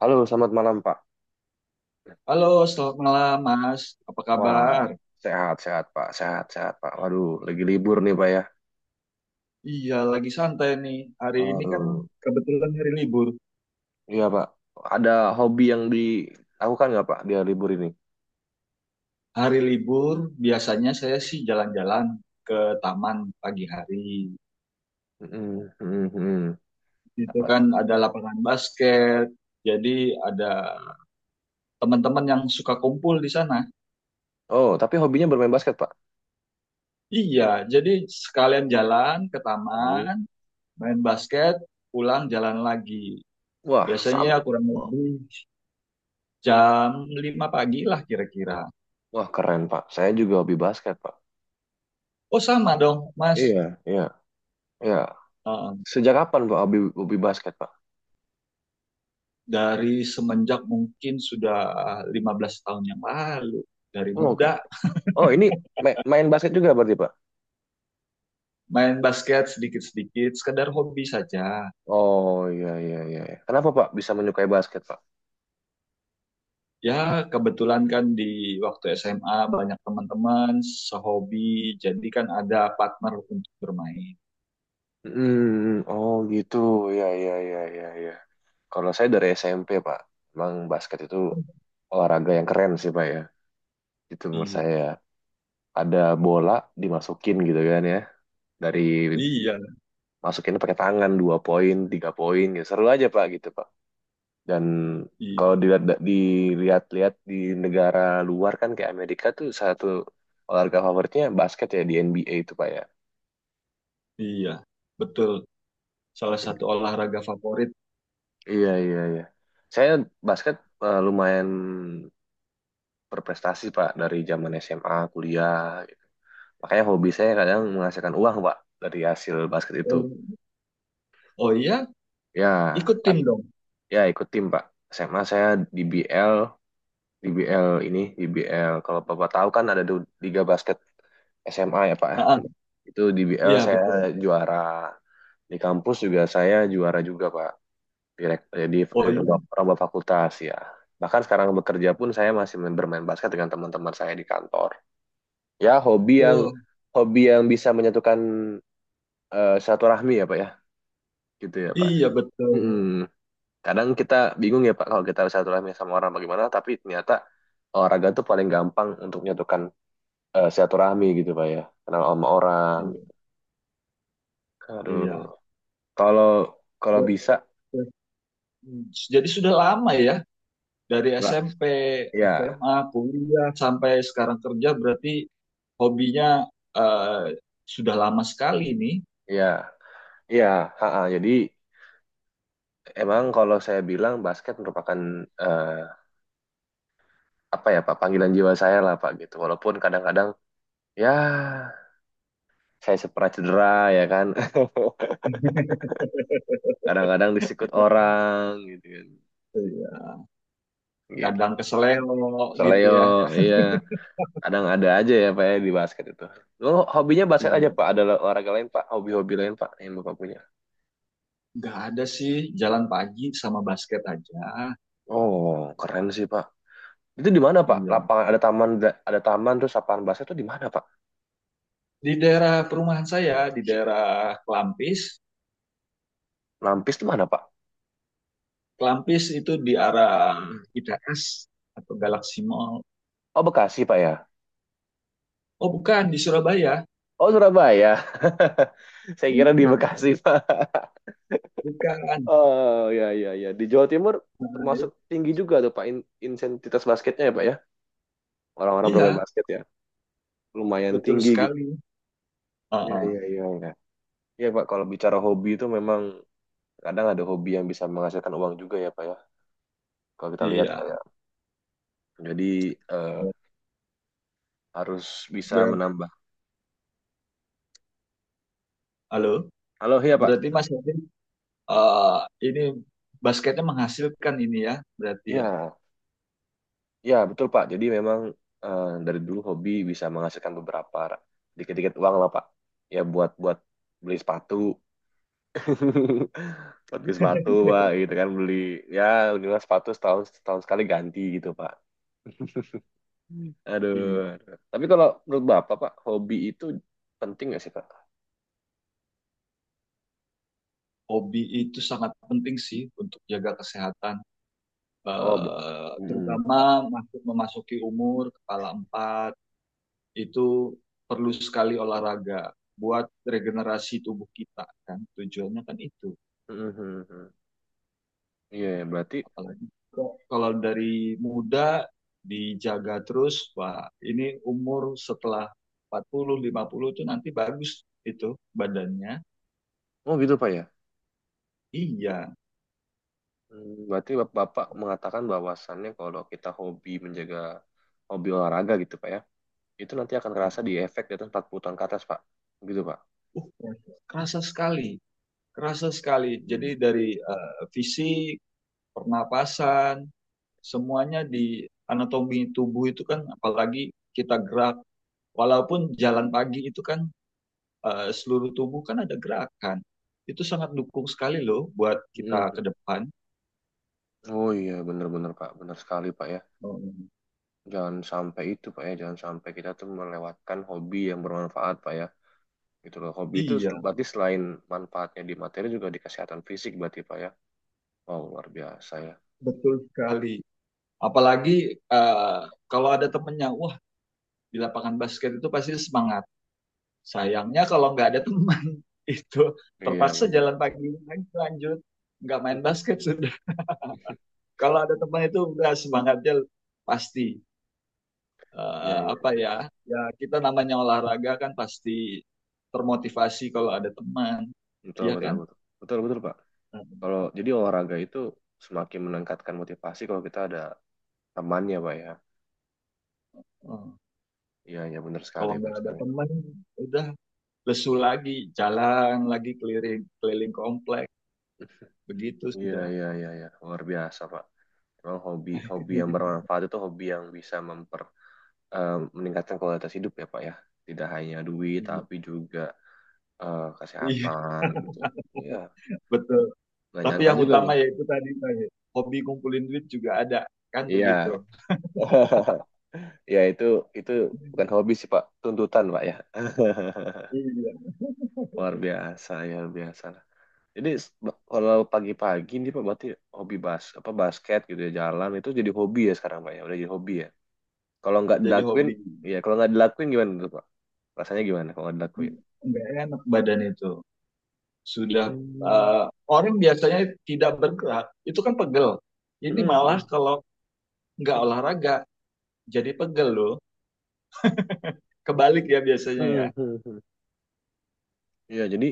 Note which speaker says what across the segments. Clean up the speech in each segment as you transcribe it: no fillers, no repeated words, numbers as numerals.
Speaker 1: Halo, selamat malam Pak.
Speaker 2: Halo, selamat malam Mas. Apa
Speaker 1: Wah,
Speaker 2: kabar?
Speaker 1: sehat-sehat Pak, sehat-sehat Pak. Waduh, lagi
Speaker 2: Iya,
Speaker 1: libur nih Pak ya.
Speaker 2: iya, lagi santai nih. Hari ini kan
Speaker 1: Waduh,
Speaker 2: kebetulan hari libur.
Speaker 1: iya Pak. Ada hobi yang dilakukan nggak Pak dia libur ini?
Speaker 2: Hari libur biasanya saya sih jalan-jalan ke taman pagi hari.
Speaker 1: Mm-mm, mm-mm, mm-mm.
Speaker 2: Itu
Speaker 1: Apa?
Speaker 2: kan ada lapangan basket. Jadi ada teman-teman yang suka kumpul di sana.
Speaker 1: Oh, tapi hobinya bermain basket Pak.
Speaker 2: Iya, jadi sekalian jalan ke
Speaker 1: Mm.
Speaker 2: taman, main basket, pulang jalan lagi.
Speaker 1: Wah,
Speaker 2: Biasanya
Speaker 1: sama.
Speaker 2: kurang lebih jam 5 pagi lah kira-kira.
Speaker 1: Wah, keren Pak. Saya juga hobi basket Pak.
Speaker 2: Oh sama dong, Mas.
Speaker 1: Iya, iya, iya.
Speaker 2: Uh,
Speaker 1: Sejak kapan Pak hobi basket Pak?
Speaker 2: dari semenjak mungkin sudah 15 tahun yang lalu, dari
Speaker 1: Oh, oke.
Speaker 2: muda
Speaker 1: Oh, ini main basket juga berarti Pak?
Speaker 2: main basket sedikit-sedikit, sekedar hobi saja.
Speaker 1: Oh, iya, iya, iya. Kenapa Pak bisa menyukai basket Pak?
Speaker 2: Ya, kebetulan kan di waktu SMA banyak teman-teman sehobi, jadi kan ada partner untuk bermain.
Speaker 1: Hmm, oh gitu, ya ya ya ya ya. Kalau saya dari SMP Pak, emang basket itu olahraga yang keren sih Pak ya. Itu menurut
Speaker 2: Iya,
Speaker 1: saya ada bola dimasukin gitu kan ya, dari
Speaker 2: iya,
Speaker 1: masukin pakai tangan 2 poin, 3 poin, gitu. Seru aja Pak gitu Pak. Dan
Speaker 2: iya,
Speaker 1: kalau dilihat-lihat di negara luar kan kayak Amerika tuh satu olahraga favoritnya basket ya di NBA itu Pak ya.
Speaker 2: iya, betul. Salah satu olahraga favorit.
Speaker 1: Iya iya iya. Saya basket lumayan berprestasi Pak dari zaman SMA, kuliah, gitu. Makanya hobi saya kadang menghasilkan uang Pak dari hasil basket itu.
Speaker 2: Oh, oh iya,
Speaker 1: Ya,
Speaker 2: ikut
Speaker 1: Pak,
Speaker 2: tim dong.
Speaker 1: ya ikut tim Pak. SMA saya di BL, di BL ini, di BL. Kalau Bapak tahu kan ada Liga Basket SMA ya Pak.
Speaker 2: Ah, ah,
Speaker 1: Itu di BL
Speaker 2: iya
Speaker 1: saya
Speaker 2: betul.
Speaker 1: juara. Di kampus juga saya juara juga Pak. Direkt, jadi
Speaker 2: Oh
Speaker 1: jadi
Speaker 2: iya,
Speaker 1: lomba, lomba fakultas ya. Bahkan sekarang bekerja pun saya masih bermain basket dengan teman-teman saya di kantor. Ya hobi yang
Speaker 2: oh
Speaker 1: hobi yang bisa menyatukan, silaturahmi ya Pak ya, gitu ya Pak.
Speaker 2: iya betul.
Speaker 1: Mm-mm. Kadang kita bingung ya Pak kalau kita silaturahmi sama orang bagaimana, tapi ternyata olahraga tuh paling gampang untuk menyatukan, silaturahmi gitu Pak ya, kenal sama orang.
Speaker 2: Iya,
Speaker 1: Aduh,
Speaker 2: iya.
Speaker 1: kalau kalau
Speaker 2: Be-
Speaker 1: bisa
Speaker 2: be- Jadi sudah lama ya dari
Speaker 1: Pak,
Speaker 2: SMP,
Speaker 1: ya
Speaker 2: SMA, kuliah sampai sekarang kerja berarti hobinya eh, sudah lama sekali nih.
Speaker 1: ya ya, ha, ha. Jadi emang kalau saya bilang basket merupakan, eh, apa ya Pak, panggilan jiwa saya lah Pak gitu, walaupun kadang-kadang ya saya pernah cedera ya kan. Kadang-kadang disikut orang gitu kan,
Speaker 2: Iya.
Speaker 1: gitu
Speaker 2: Kadang keseleo gitu
Speaker 1: seleo.
Speaker 2: ya.
Speaker 1: Iya, kadang ada aja ya Pak ya di basket itu. Lo, hobinya basket aja
Speaker 2: Iya.
Speaker 1: Pak? Ada olahraga lain Pak, hobi-hobi lain Pak yang Bapak punya?
Speaker 2: Nggak ada sih jalan pagi sama basket aja.
Speaker 1: Oh, keren sih Pak. Itu di mana Pak
Speaker 2: Iya.
Speaker 1: lapangan ada taman, ada taman terus lapangan basket itu di mana Pak?
Speaker 2: Di daerah perumahan saya, di daerah Klampis.
Speaker 1: Lampis itu mana Pak?
Speaker 2: Klampis itu di arah ITS atau Galaxy Mall.
Speaker 1: Oh, Bekasi Pak ya?
Speaker 2: Oh bukan, di Surabaya.
Speaker 1: Oh, Surabaya. Saya kira di Bekasi Pak.
Speaker 2: Bukan.
Speaker 1: Oh ya ya ya, di Jawa Timur.
Speaker 2: Nah,
Speaker 1: Termasuk
Speaker 2: i-
Speaker 1: tinggi juga tuh Pak intensitas basketnya ya Pak ya, orang-orang bermain
Speaker 2: Iya,
Speaker 1: basket ya, lumayan
Speaker 2: betul
Speaker 1: tinggi gitu.
Speaker 2: sekali.
Speaker 1: Iya
Speaker 2: Heeh,
Speaker 1: iya iya iya. Iya, Pak, kalau bicara hobi itu memang kadang ada hobi yang bisa menghasilkan uang juga ya Pak ya, kalau kita lihat Pak
Speaker 2: iya.
Speaker 1: ya. Jadi, eh, harus bisa
Speaker 2: Berarti,
Speaker 1: menambah.
Speaker 2: halo.
Speaker 1: Halo, iya Pak.
Speaker 2: Berarti Mas Yasin, eh, ini basketnya menghasilkan ini ya, berarti
Speaker 1: Iya
Speaker 2: ya.
Speaker 1: iya, betul Pak. Jadi memang, dari dulu hobi bisa menghasilkan beberapa dikit-dikit uang lah Pak, ya buat buat beli sepatu. Buat beli sepatu Pak, gitu kan. Beli, ya minimal sepatu setahun, setahun sekali ganti gitu Pak. Hmm. Aduh,
Speaker 2: Iya.
Speaker 1: aduh. Tapi kalau menurut Bapak, Pak, hobi itu penting nggak sih, Pak?
Speaker 2: Hobi itu sangat penting sih untuk jaga kesehatan.
Speaker 1: Oh,
Speaker 2: Eh,
Speaker 1: mm-mm.
Speaker 2: terutama masuk memasuki umur kepala empat itu perlu sekali olahraga buat regenerasi tubuh kita kan. Tujuannya kan itu.
Speaker 1: Mm-mm. Iya, ya, berarti,
Speaker 2: Apalagi kok kalau dari muda dijaga terus, Pak. Ini umur setelah empat puluh lima puluh itu nanti bagus itu badannya.
Speaker 1: oh gitu, Pak ya.
Speaker 2: Iya.
Speaker 1: Hmm, berarti Bapak mengatakan bahwasannya kalau kita hobi menjaga hobi olahraga gitu, Pak ya, itu nanti akan kerasa
Speaker 2: Uh-uh.
Speaker 1: di efek di atas 40 tahun ke atas, Pak. Gitu, Pak.
Speaker 2: uh Kerasa sekali, kerasa sekali. Jadi
Speaker 1: Mm-mm.
Speaker 2: dari fisik, pernapasan, semuanya di anatomi tubuh itu kan apalagi kita gerak walaupun jalan pagi itu kan seluruh tubuh kan ada gerakan. Itu sangat dukung sekali loh buat kita ke
Speaker 1: Mm-mm.
Speaker 2: depan.
Speaker 1: Oh iya, benar-benar, Pak. Benar sekali, Pak ya.
Speaker 2: Oh,
Speaker 1: Jangan sampai itu, Pak ya. Jangan sampai kita tuh melewatkan hobi yang bermanfaat, Pak ya, gitu loh. Hobi itu
Speaker 2: iya,
Speaker 1: berarti selain manfaatnya di materi juga di kesehatan fisik berarti Pak ya. Wow, luar biasa ya.
Speaker 2: betul sekali. Apalagi eh, kalau ada temennya, wah, di lapangan basket itu pasti semangat. Sayangnya kalau nggak ada teman, itu
Speaker 1: Iya,
Speaker 2: terpaksa
Speaker 1: benar.
Speaker 2: jalan pagi lagi lanjut, nggak main basket sudah. Kalau ada teman itu udah semangatnya pasti.
Speaker 1: Iya,
Speaker 2: Eh, apa
Speaker 1: iya.
Speaker 2: ya, ya kita namanya olahraga kan pasti termotivasi kalau ada teman,
Speaker 1: Betul,
Speaker 2: iya
Speaker 1: betul,
Speaker 2: kan?
Speaker 1: betul. Betul, betul, Pak.
Speaker 2: Eh,
Speaker 1: Kalau jadi olahraga itu semakin meningkatkan motivasi kalau kita ada temannya, Pak ya.
Speaker 2: eh,
Speaker 1: Iya, iya, benar sekali,
Speaker 2: Kalau
Speaker 1: benar
Speaker 2: nggak ada
Speaker 1: sekali.
Speaker 2: teman, udah lesu lagi, jalan lagi keliling keliling komplek, begitu
Speaker 1: Iya,
Speaker 2: sudah.
Speaker 1: iya, iya, iya. Luar biasa, Pak. Memang hobi, hobi yang bermanfaat itu hobi yang bisa eh, meningkatkan kualitas hidup ya, Pak ya. Tidak hanya duit, tapi juga, kesehatan gitu. Iya,
Speaker 2: Betul.
Speaker 1: gak
Speaker 2: Tapi
Speaker 1: nyangka
Speaker 2: yang
Speaker 1: juga
Speaker 2: utama
Speaker 1: nih.
Speaker 2: ya itu tadi tadi, hobi kumpulin duit juga ada, kan
Speaker 1: Iya.
Speaker 2: begitu.
Speaker 1: Ya itu bukan hobi sih Pak, tuntutan Pak ya.
Speaker 2: Iya.
Speaker 1: Luar biasa ya, luar biasa lah. Jadi kalau pagi-pagi nih Pak berarti hobi basket gitu ya, jalan itu jadi hobi ya sekarang Pak ya, udah jadi hobi ya. Kalau nggak
Speaker 2: Jadi
Speaker 1: dilakuin,
Speaker 2: hobi.
Speaker 1: kalau nggak dilakuin gimana tuh Pak? Rasanya gimana kalau nggak dilakuin?
Speaker 2: Enggak enak badan itu. Sudah
Speaker 1: Hmm.
Speaker 2: eh, orang biasanya tidak bergerak, itu kan pegel. Ini malah
Speaker 1: Hmm.
Speaker 2: kalau nggak olahraga jadi pegel loh. Kebalik ya biasanya ya.
Speaker 1: Hmm. Hmm. Hmm. Iya, jadi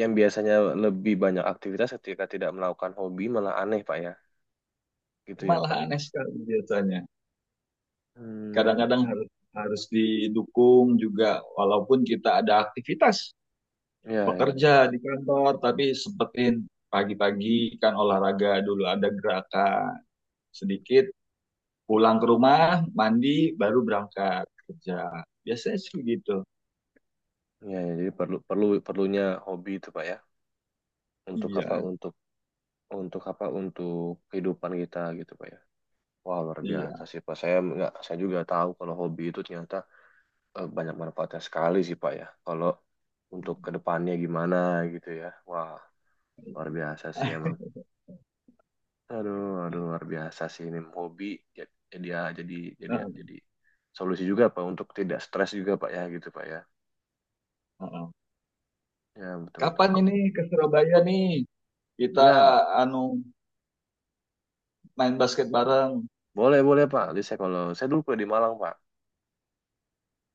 Speaker 1: yang biasanya lebih banyak aktivitas ketika tidak melakukan hobi malah aneh Pak ya. Gitu ya
Speaker 2: Malah
Speaker 1: Pak.
Speaker 2: aneh sekali biasanya.
Speaker 1: Hmm,
Speaker 2: Kadang-kadang harus, harus didukung juga walaupun kita ada aktivitas
Speaker 1: iya, ya,
Speaker 2: bekerja di kantor tapi sempetin pagi-pagi kan olahraga dulu ada gerakan sedikit, pulang ke rumah mandi baru berangkat kerja biasanya sih gitu.
Speaker 1: ya, ya, jadi perlu perlu perlunya hobi itu Pak ya. Untuk apa?
Speaker 2: Iya,
Speaker 1: Untuk apa? Untuk kehidupan kita gitu Pak ya. Wah, luar biasa
Speaker 2: iya.
Speaker 1: sih Pak. Saya nggak, saya juga tahu kalau hobi itu ternyata, banyak manfaatnya sekali sih Pak ya. Kalau untuk kedepannya gimana, gitu ya. Wah, luar biasa sih emang. Aduh, aduh, luar biasa sih ini hobi. Ya, jadi ya, jadi solusi juga Pak untuk tidak stres juga Pak ya, gitu Pak ya. Ya, betul betul
Speaker 2: Kapan
Speaker 1: kok.
Speaker 2: ini ke Surabaya nih kita
Speaker 1: Ya
Speaker 2: anu main basket bareng.
Speaker 1: boleh boleh Pak. Jadi saya kalau saya dulu kuliah di Malang Pak.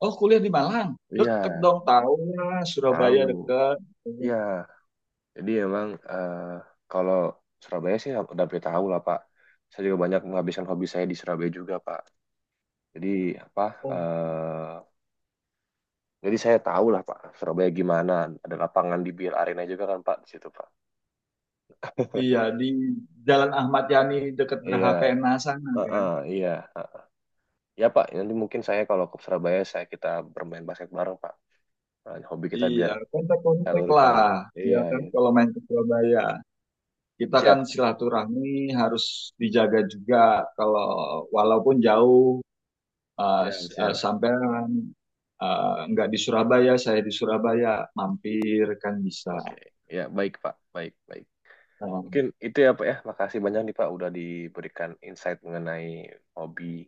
Speaker 2: Oh kuliah di Malang, deket
Speaker 1: Iya,
Speaker 2: dong, tahu lah Surabaya
Speaker 1: tahu.
Speaker 2: deket.
Speaker 1: Ya, jadi emang, kalau Surabaya sih udah pasti tahu lah Pak. Saya juga banyak menghabiskan hobi saya di Surabaya juga Pak. Jadi apa?
Speaker 2: Oh
Speaker 1: eh, jadi saya tahu lah Pak Surabaya gimana. Ada lapangan di bir Arena juga kan Pak di situ Pak.
Speaker 2: iya, di Jalan Ahmad Yani dekat
Speaker 1: Iya,
Speaker 2: Geraha PNA sana kan.
Speaker 1: heeh, iya. eh. Ya Pak, nanti mungkin saya kalau ke Surabaya, kita bermain basket bareng Pak. Nah, hobi kita
Speaker 2: Iya,
Speaker 1: biar
Speaker 2: kontak-kontak
Speaker 1: salurkan.
Speaker 2: lah. Ya
Speaker 1: Iya,
Speaker 2: kan
Speaker 1: iya.
Speaker 2: kalau main ke Surabaya. Kita kan
Speaker 1: Siap,
Speaker 2: silaturahmi harus dijaga juga kalau walaupun jauh,
Speaker 1: siap, siap.
Speaker 2: sampean nggak di Surabaya, saya di Surabaya mampir kan bisa.
Speaker 1: Oke, ya baik Pak, baik, baik.
Speaker 2: Eh,
Speaker 1: Mungkin itu ya Pak ya. Makasih banyak nih Pak udah diberikan insight mengenai hobi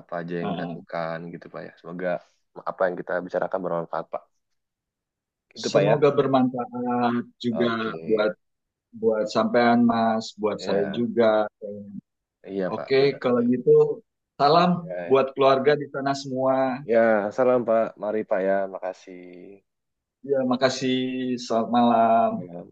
Speaker 1: apa aja yang
Speaker 2: eh,
Speaker 1: dilakukan gitu Pak ya. Semoga apa yang kita bicarakan bermanfaat Pak. Itu Pak ya.
Speaker 2: Semoga bermanfaat juga
Speaker 1: Oke.
Speaker 2: buat buat sampean Mas, buat saya
Speaker 1: Ya,
Speaker 2: juga.
Speaker 1: iya Pak,
Speaker 2: Oke,
Speaker 1: benar.
Speaker 2: kalau
Speaker 1: Ya.
Speaker 2: gitu salam
Speaker 1: Ya,
Speaker 2: buat keluarga di sana semua.
Speaker 1: ya, salam Pak. Mari Pak ya. Makasih.
Speaker 2: Ya, makasih. Selamat malam.
Speaker 1: Ya.